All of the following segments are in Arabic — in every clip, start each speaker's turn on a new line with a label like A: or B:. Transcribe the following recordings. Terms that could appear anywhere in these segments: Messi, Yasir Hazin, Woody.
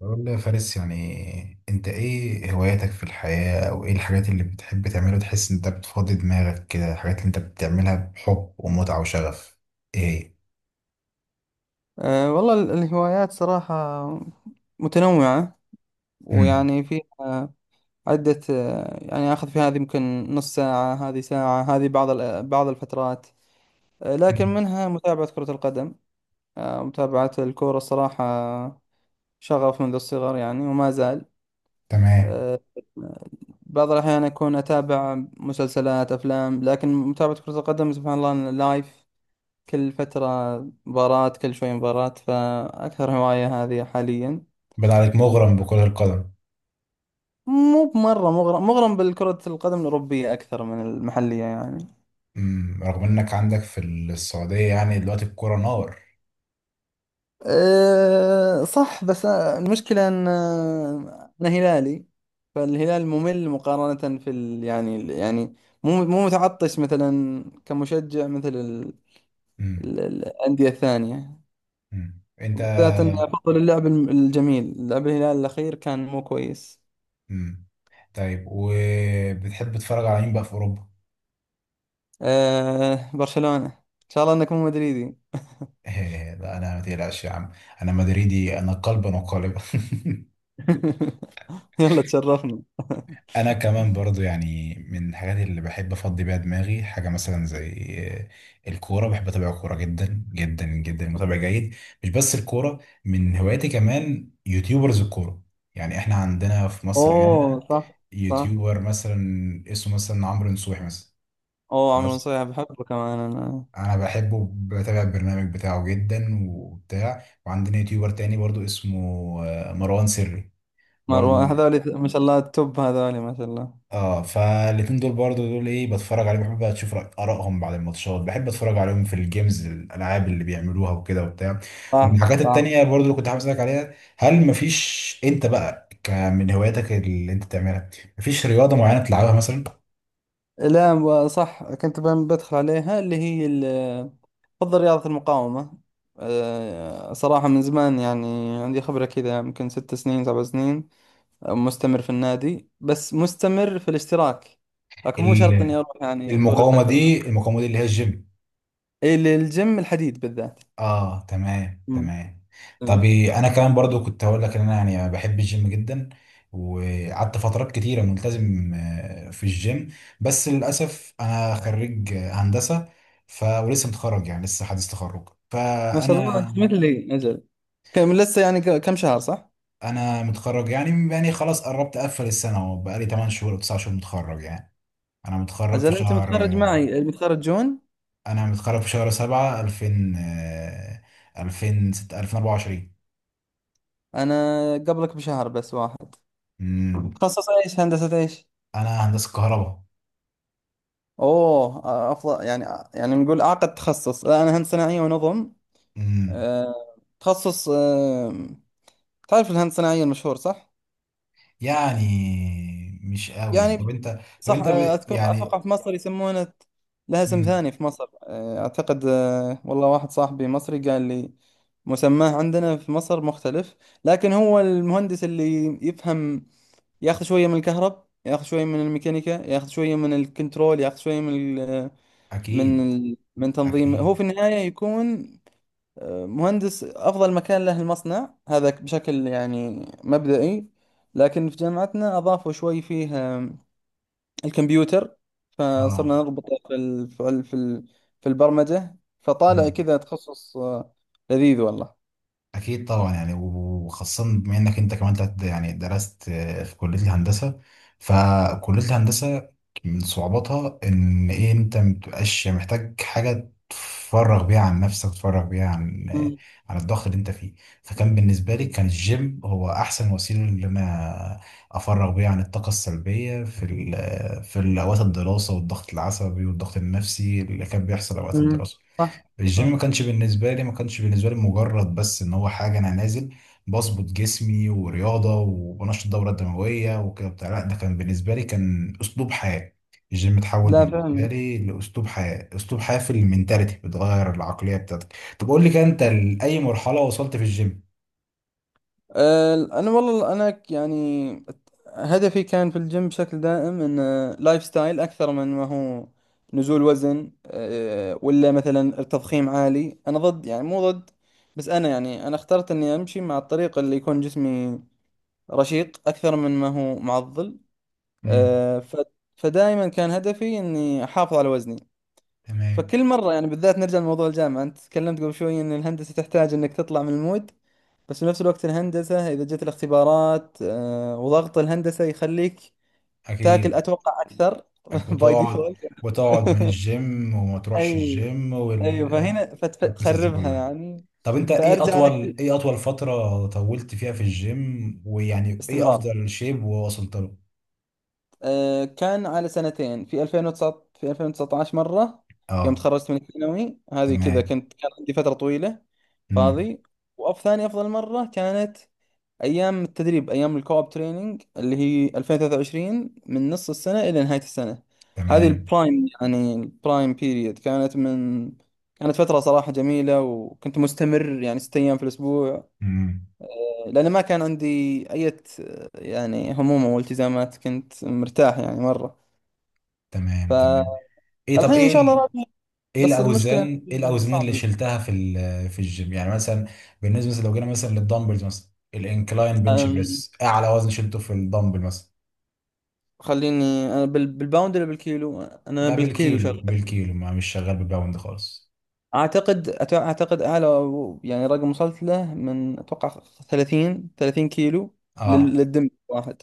A: والله يا فارس، يعني انت ايه هواياتك في الحياة او ايه الحاجات اللي بتحب تعملها؟ تحس ان انت بتفضي دماغك كده الحاجات اللي انت بتعملها بحب ومتعة وشغف. ايه.
B: والله الهوايات صراحة متنوعة،
A: امم.
B: ويعني فيها عدة، يعني آخذ في هذه يمكن نص ساعة، هذه ساعة، هذه بعض بعض الفترات. لكن
A: امم.
B: منها متابعة كرة القدم. متابعة الكورة الصراحة شغف منذ الصغر يعني وما زال.
A: تمام.
B: آه، بعض الأحيان أكون أتابع مسلسلات أفلام، لكن متابعة كرة القدم سبحان الله لايف، كل فترة مباراة، كل شوي مباراة، فأكثر هواية هذه حاليا.
A: بدأ عليك مغرم بكرة القدم؟
B: مو بمرة مغرم، مغرم بالكرة القدم الأوروبية أكثر من المحلية يعني.
A: رغم انك عندك في السعودية يعني دلوقتي الكرة نار.
B: صح، بس المشكلة أن أنا هلالي، فالهلال ممل مقارنة في ال يعني، يعني مو متعطش مثلا كمشجع مثل
A: امم.
B: الأندية الثانية،
A: امم. انت...
B: بالذات أن أفضل اللعب الجميل. لعب الهلال الأخير كان مو كويس.
A: امم. طيب، وبتحب تتفرج على مين بقى في اوروبا؟
B: برشلونة، إن شاء الله أنك مو مدريدي.
A: لا، انا ما تقلقش يا عم، انا مدريدي انا قلبا وقالبا.
B: يلا تشرفنا.
A: انا كمان برضو يعني من الحاجات اللي بحب افضي بيها دماغي حاجه مثلا زي الكوره. بحب اتابع الكوره جدا جدا جدا، متابع جيد. مش بس الكوره، من هواياتي كمان يوتيوبرز الكوره. يعني احنا عندنا في مصر
B: اوه
A: هنا
B: صح صح.
A: يوتيوبر مثلا اسمه مثلا عمرو نصوحي مثلا.
B: اوه عمرو
A: خلاص،
B: نصيحة بحبه كمان انا.
A: انا بحبه، بتابع البرنامج بتاعه جدا وبتاع. وعندنا يوتيوبر تاني برضو اسمه مروان سري برضو.
B: مروان هذولي ما شاء الله، التوب هذولي ما شاء الله.
A: اه، فالاتنين دول برضو دول ايه، بتفرج عليهم، بحب بقى اشوف ارائهم بعد الماتشات. بحب اتفرج عليهم في الجيمز، الالعاب اللي بيعملوها وكده وبتاع. ومن
B: صح
A: الحاجات
B: صح.
A: التانية برضو اللي كنت حابب اسالك عليها، هل مفيش انت بقى من هواياتك اللي انت بتعملها، مفيش رياضة معينة بتلعبها مثلا؟
B: لا صح، كنت بدخل عليها اللي هي بفضل رياضة المقاومة. صراحة من زمان يعني عندي خبرة كذا، يمكن 6 سنين 7 سنين. مستمر في النادي، بس مستمر في الاشتراك، لكن مو شرط اني
A: ال-
B: اروح يعني طول
A: المقاومة
B: الفترة.
A: دي، المقاومة دي اللي هي الجيم؟
B: إيه، الجيم الحديد بالذات.
A: اه، تمام تمام. طب
B: مم.
A: إيه، انا كمان برضو كنت هقول لك ان انا يعني بحب الجيم جدا. وقعدت فترات كتيره ملتزم في الجيم، بس للاسف انا خريج هندسه. ولسه متخرج يعني لسه حديث تخرج
B: ما شاء الله
A: فانا،
B: انت مثلي اجل. كم لسه يعني، كم شهر صح؟
A: انا متخرج يعني خلاص قربت اقفل السنه، وبقالي 8 شهور او 9 شهور متخرج يعني. انا متخرج في
B: اجل انت
A: شهر،
B: متخرج معي، متخرج جون.
A: انا متخرج في شهر 7 2000 2000، 2024.
B: انا قبلك بشهر بس واحد.
A: أمم،
B: تخصص ايش، هندسة ايش؟
A: انا هندسه كهرباء.
B: اوه افضل يعني، يعني نقول اعقد تخصص. لا، انا هندسة صناعية ونظم.
A: امم.
B: آه، تخصص تعرف الهندسة الصناعية المشهور صح؟
A: يعني مش قوي يعني. طب
B: يعني
A: انت... طب
B: صح،
A: انت
B: أتوقع
A: يعني...
B: في مصر يسمونه، لها اسم
A: امم.
B: ثاني في مصر أعتقد. والله واحد صاحبي مصري قال لي مسماه عندنا في مصر مختلف. لكن هو المهندس اللي يفهم، ياخذ شوية من الكهرب، ياخذ شوية من الميكانيكا، ياخذ شوية من الكنترول، ياخذ شوية من ال من
A: اكيد.
B: ال من تنظيم. هو
A: اكيد.
B: في النهاية يكون مهندس. أفضل مكان له المصنع هذا بشكل يعني مبدئي. لكن في جامعتنا أضافوا شوي فيه الكمبيوتر،
A: اه.
B: فصرنا نربطه في البرمجة. فطالع
A: امم.
B: كذا تخصص لذيذ والله.
A: اكيد طبعا، يعني وخاصه بما انك انت كمان يعني درست في كليه الهندسه. فكليه الهندسه من صعوباتها ان ايه، انت مبتبقاش محتاج حاجه تفرغ بيها عن نفسك، تفرغ بيها عن آه،
B: مم.
A: عن الضغط اللي انت فيه. فكان بالنسبه لي كان الجيم هو احسن وسيله اللي انا افرغ بيها عن الطاقه السلبيه في ال- آه، في اوقات الدراسه، والضغط العصبي والضغط النفسي اللي كان بيحصل اوقات
B: مم.
A: الدراسه.
B: صح
A: الجيم
B: صح.
A: ما كانش بالنسبة لي مجرد بس ان هو حاجة انا نازل بظبط جسمي ورياضة وبنشط الدورة الدموية وكده بتاع. لا، ده كان بالنسبة لي كان اسلوب حياة. الجيم اتحول
B: لا
A: بالنسبة
B: فعلا.
A: لي لأسلوب حياة، أسلوب حياة في المنتاليتي، بتغير العقلية بتاعتك. طب قول لي كده، انت لأي مرحلة وصلت في الجيم؟
B: انا والله انا يعني هدفي كان في الجيم بشكل دائم انه لايف ستايل اكثر من ما هو نزول وزن، ولا مثلا تضخيم عالي. انا ضد، يعني مو ضد، بس انا يعني انا اخترت اني امشي مع الطريق اللي يكون جسمي رشيق اكثر من ما هو معضل.
A: امم.
B: آه، ف... فدائما كان هدفي اني احافظ على وزني.
A: تمام.
B: فكل مره يعني بالذات نرجع لموضوع الجامعه، انت تكلمت قبل شوي ان الهندسه تحتاج انك تطلع من المود، بس في نفس الوقت الهندسه اذا جت الاختبارات وضغط الهندسه يخليك تاكل
A: اكيد.
B: اتوقع اكثر.
A: أكيد.
B: باي
A: وتقعد،
B: ديفولت.
A: وتقعد من الجيم وما تروحش
B: اي
A: الجيم
B: اي، فهنا
A: والقصص دي
B: فتخربها
A: كلها.
B: يعني.
A: طب انت، ايه
B: فارجع انا
A: اطول ايه اطول فترة طولت فيها في الجيم؟ ويعني ايه
B: باستمرار.
A: افضل شيب ووصلت له؟
B: كان على سنتين. في 2019 مرة يوم
A: اه.
B: تخرجت من الثانوي، هذه كذا
A: تمام.
B: كنت كان عندي فترة طويلة
A: امم.
B: فاضي. وأف ثاني أفضل مرة كانت أيام التدريب، أيام الكوب تريننج اللي هي 2023، من نص السنة إلى نهاية السنة. هذه
A: تمام.
B: البرايم يعني، البرايم بيريد كانت فترة صراحة جميلة، وكنت مستمر يعني 6 أيام في الأسبوع،
A: امم.
B: لأن ما كان عندي أي يعني هموم أو التزامات، كنت مرتاح يعني مرة.
A: تمام تمام.
B: فالحين
A: ايه، طب
B: ان
A: ايه
B: شاء الله راضي.
A: ايه
B: بس المشكله
A: الاوزان ايه الاوزان اللي
B: صعب.
A: شلتها في الجيم يعني مثلا؟ بالنسبة مثلا لو جينا مثلا للدمبلز مثلا الانكلاين بنش
B: أم،
A: بريس، اعلى وزن شلته في الدمبل مثلا؟
B: خليني. أنا بالباوند ولا بالكيلو؟ انا
A: لا
B: بالكيلو
A: بالكيلو،
B: شغال.
A: بالكيلو، ما مش شغال بالباوند خالص.
B: اعتقد اعتقد اعلى يعني رقم وصلت له، من اتوقع 30 كيلو
A: اه،
B: للدم واحد.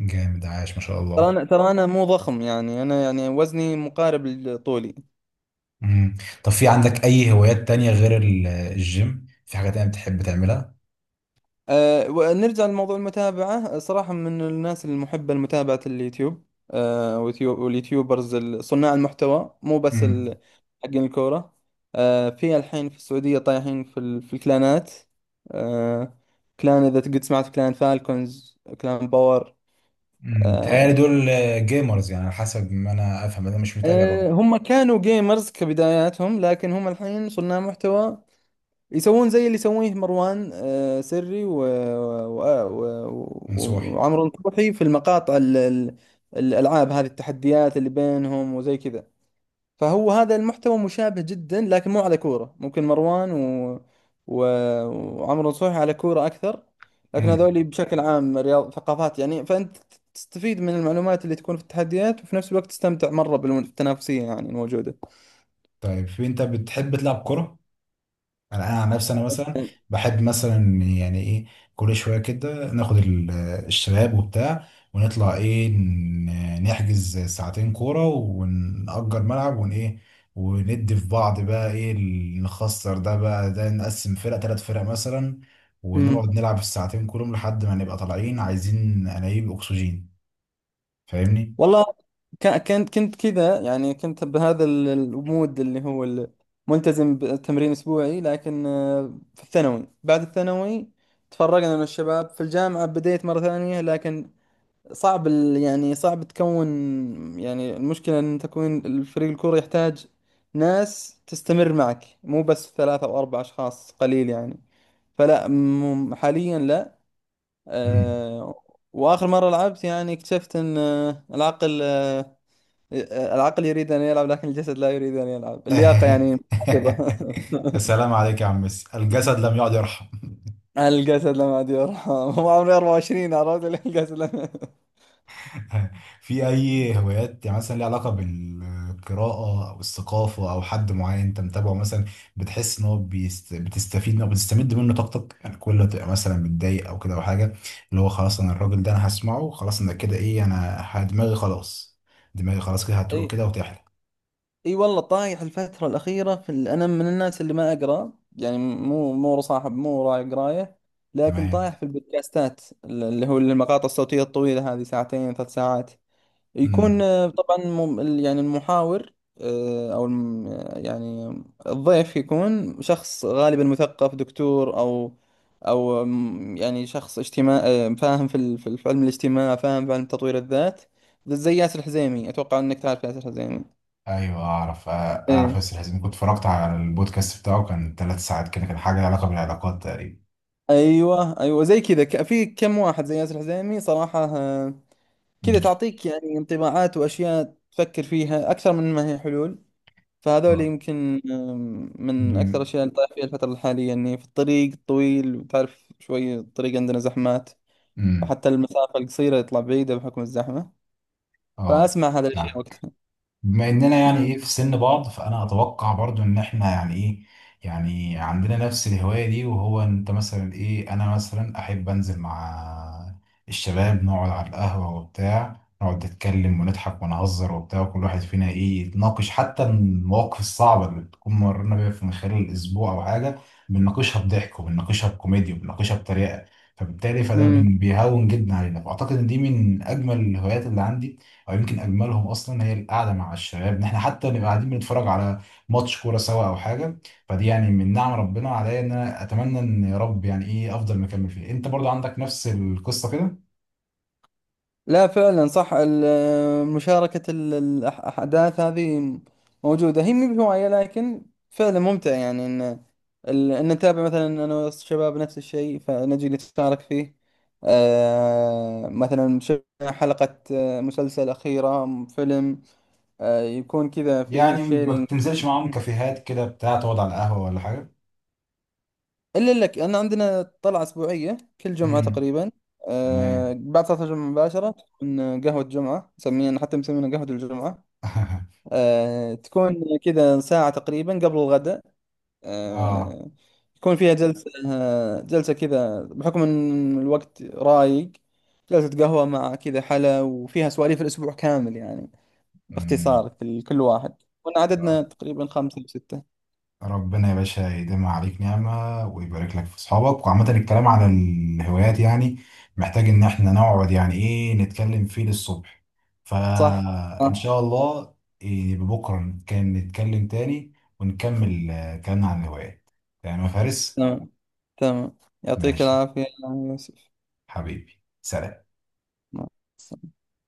A: جامد، عاش ما شاء
B: ترى
A: الله.
B: انا ترى انا مو ضخم يعني، انا يعني وزني مقارب لطولي.
A: مم. طب في عندك أي هوايات تانية غير الجيم؟ في حاجة تانية بتحب تعملها؟
B: ونرجع لموضوع المتابعة، صراحة من الناس المحبة لمتابعة اليوتيوب. واليوتيوبرز، صناع المحتوى، مو بس
A: امم.
B: حقين الكورة. في الحين في السعودية طايحين في الكلانات. أه كلان. إذا قد سمعت، كلان فالكونز، كلان باور.
A: بيتهيألي
B: أه
A: دول جيمرز يعني، على حسب ما أنا أفهم أنا مش متابع برضه.
B: أه هم كانوا جيمرز كبداياتهم، لكن هم الحين صناع محتوى. يسوون زي اللي يسويه مروان سري
A: من صوحي.
B: وعمرو نصوحي في المقاطع الألعاب هذه، التحديات اللي بينهم وزي كذا. فهو هذا المحتوى مشابه جدا، لكن مو على كورة. ممكن مروان و... وعمرو نصوحي على كورة أكثر. لكن
A: امم.
B: هذول بشكل عام رياض ثقافات يعني، فأنت تستفيد من المعلومات اللي تكون في التحديات، وفي نفس الوقت تستمتع مرة بالتنافسية يعني الموجودة.
A: طيب، في أنت بتحب تلعب كرة؟ انا عن نفسي انا مثلا بحب مثلا، يعني ايه، كل شويه كده ناخد الشباب وبتاع، ونطلع ايه، نحجز ساعتين كوره ونأجر ملعب ون ايه، وندي في بعض، بقى ايه نخسر ده، بقى ده نقسم فرق، 3 فرق مثلا، ونقعد نلعب الساعتين كلهم لحد ما نبقى طالعين عايزين انابيب اكسجين. فاهمني؟
B: والله كنت كذا يعني، كنت بهذا المود اللي هو ملتزم بتمرين اسبوعي، لكن في الثانوي بعد الثانوي تفرقنا من الشباب. في الجامعة بديت مرة ثانية، لكن صعب يعني صعب تكون، يعني المشكلة ان تكون الفريق الكورة يحتاج ناس تستمر معك، مو بس 3 أو 4 أشخاص قليل يعني. فلا حاليا لا.
A: مم.
B: آه، واخر مرة لعبت يعني اكتشفت ان العقل، العقل يريد أن يلعب، لكن الجسد لا يريد أن يلعب، اللياقة يعني محافظة.
A: السلام عليك يا عم ميسي، الجسد لم يعد يرحم.
B: على الجسد لم عاد يرحم. هو عمري 24، عرفت ليه الجسد لم.
A: في اي هوايات مثلا ليها علاقه بالقراءه او الثقافه، او حد معين انت متابعه مثلا بتحس ان هو بتستفيد منه او بتستمد منه طاقتك، يعني كل ما تبقى مثلا متضايق او كده او حاجه، اللي هو خلاص انا الراجل ده انا هسمعه خلاص انا كده، ايه، انا دماغي خلاص، دماغي خلاص كده
B: اي
A: هتروق كده وتحلى.
B: اي والله، طايح الفترة الأخيرة أنا من الناس اللي ما أقرأ يعني، مو صاحب، مو راعي قراية، لكن
A: تمام.
B: طايح في البودكاستات اللي هو المقاطع الصوتية الطويلة هذه، ساعتين 3 ساعات، يكون
A: امم.
B: طبعا يعني المحاور، آه، او الم- يعني الضيف يكون شخص غالبا مثقف دكتور او يعني شخص اجتماع فاهم في علم الاجتماع، فاهم في علم تطوير الذات، زي ياسر الحزيمي. اتوقع انك تعرف ياسر الحزيمي.
A: ايوه، اعرف اعرف
B: ايه
A: ياسر حزين، كنت اتفرجت على البودكاست بتاعه كان 3 ساعات كده، كان حاجه لها علاقه بالعلاقات تقريبا.
B: ايوه ايوه زي كذا، في كم واحد زي ياسر الحزيمي صراحة، كذا
A: امم.
B: تعطيك يعني انطباعات واشياء تفكر فيها اكثر من ما هي حلول. فهذول
A: اه.
B: يمكن من أكثر
A: ب-
B: الأشياء اللي طايح فيها الفترة الحالية. إني في الطريق الطويل، وتعرف شوي الطريق عندنا زحمات،
A: امم.
B: وحتى المسافة القصيرة يطلع بعيدة بحكم الزحمة،
A: اه.
B: فأسمع هذه الأشياء
A: يعني
B: وقتها.
A: بما اننا يعني ايه في سن بعض، فانا اتوقع برضو ان احنا يعني ايه، يعني عندنا نفس الهواية دي. وهو انت مثلا ايه، انا مثلا احب انزل مع الشباب، نقعد على القهوة وبتاع، نقعد نتكلم ونضحك ونهزر وبتاع، وكل واحد فينا ايه يتناقش حتى المواقف الصعبة اللي بتكون مرينا بيها من خلال الاسبوع او حاجة، بنناقشها بضحك وبنناقشها بكوميديا وبنناقشها بطريقة، فبالتالي فده
B: أمم.
A: بيهون جدا علينا. فاعتقد ان دي من اجمل الهوايات اللي عندي، او يمكن اجملهم اصلا هي القعده مع الشباب، ان احنا حتى نبقى قاعدين بنتفرج على ماتش كوره سوا او حاجه. فدي يعني من نعم ربنا عليا، ان انا اتمنى ان يا رب يعني ايه افضل مكمل فيه. انت برضو عندك نفس القصه كده؟
B: لا فعلا صح، مشاركة الأحداث هذه موجودة، هي مي بهواية، لكن فعلا ممتع. يعني إن نتابع مثلا أنا والشباب نفس الشيء، فنجي نتشارك فيه. مثلا شفنا حلقة مسلسل أخيرة، فيلم يكون كذا فيه
A: يعني ما
B: شيرينج.
A: بتنزلش معاهم كافيهات كده بتاع، تقعد على القهوه ولا حاجه؟
B: إلا لك، أنا عندنا طلعة أسبوعية كل جمعة
A: امم.
B: تقريبا.
A: تمام.
B: بعد صلاة الجمعة مباشرة تكون قهوة جمعة، نسميها حتى مسمينا قهوة الجمعة. تكون كذا ساعة تقريبا قبل الغداء.
A: اه.
B: آه، يكون فيها جلسة، جلسة كذا بحكم إن الوقت رايق، جلسة قهوة مع كذا حلا، وفيها سواليف الأسبوع كامل يعني
A: امم.
B: باختصار، كل واحد. كنا عددنا تقريبا خمسة أو ستة.
A: ربنا يا باشا يديم عليك نعمة ويبارك لك في أصحابك. وعامة الكلام على الهوايات يعني محتاج إن إحنا نقعد يعني إيه نتكلم فيه للصبح.
B: صح؟
A: فإن
B: آه.
A: شاء الله، إيه، بكرة نتكلم، نتكلم تاني ونكمل كلامنا عن الهوايات. تمام يا فارس.
B: تمام تمام. يعطيك
A: ماشي.
B: العافية يا يوسف.
A: حبيبي، سلام.
B: مع السلامة.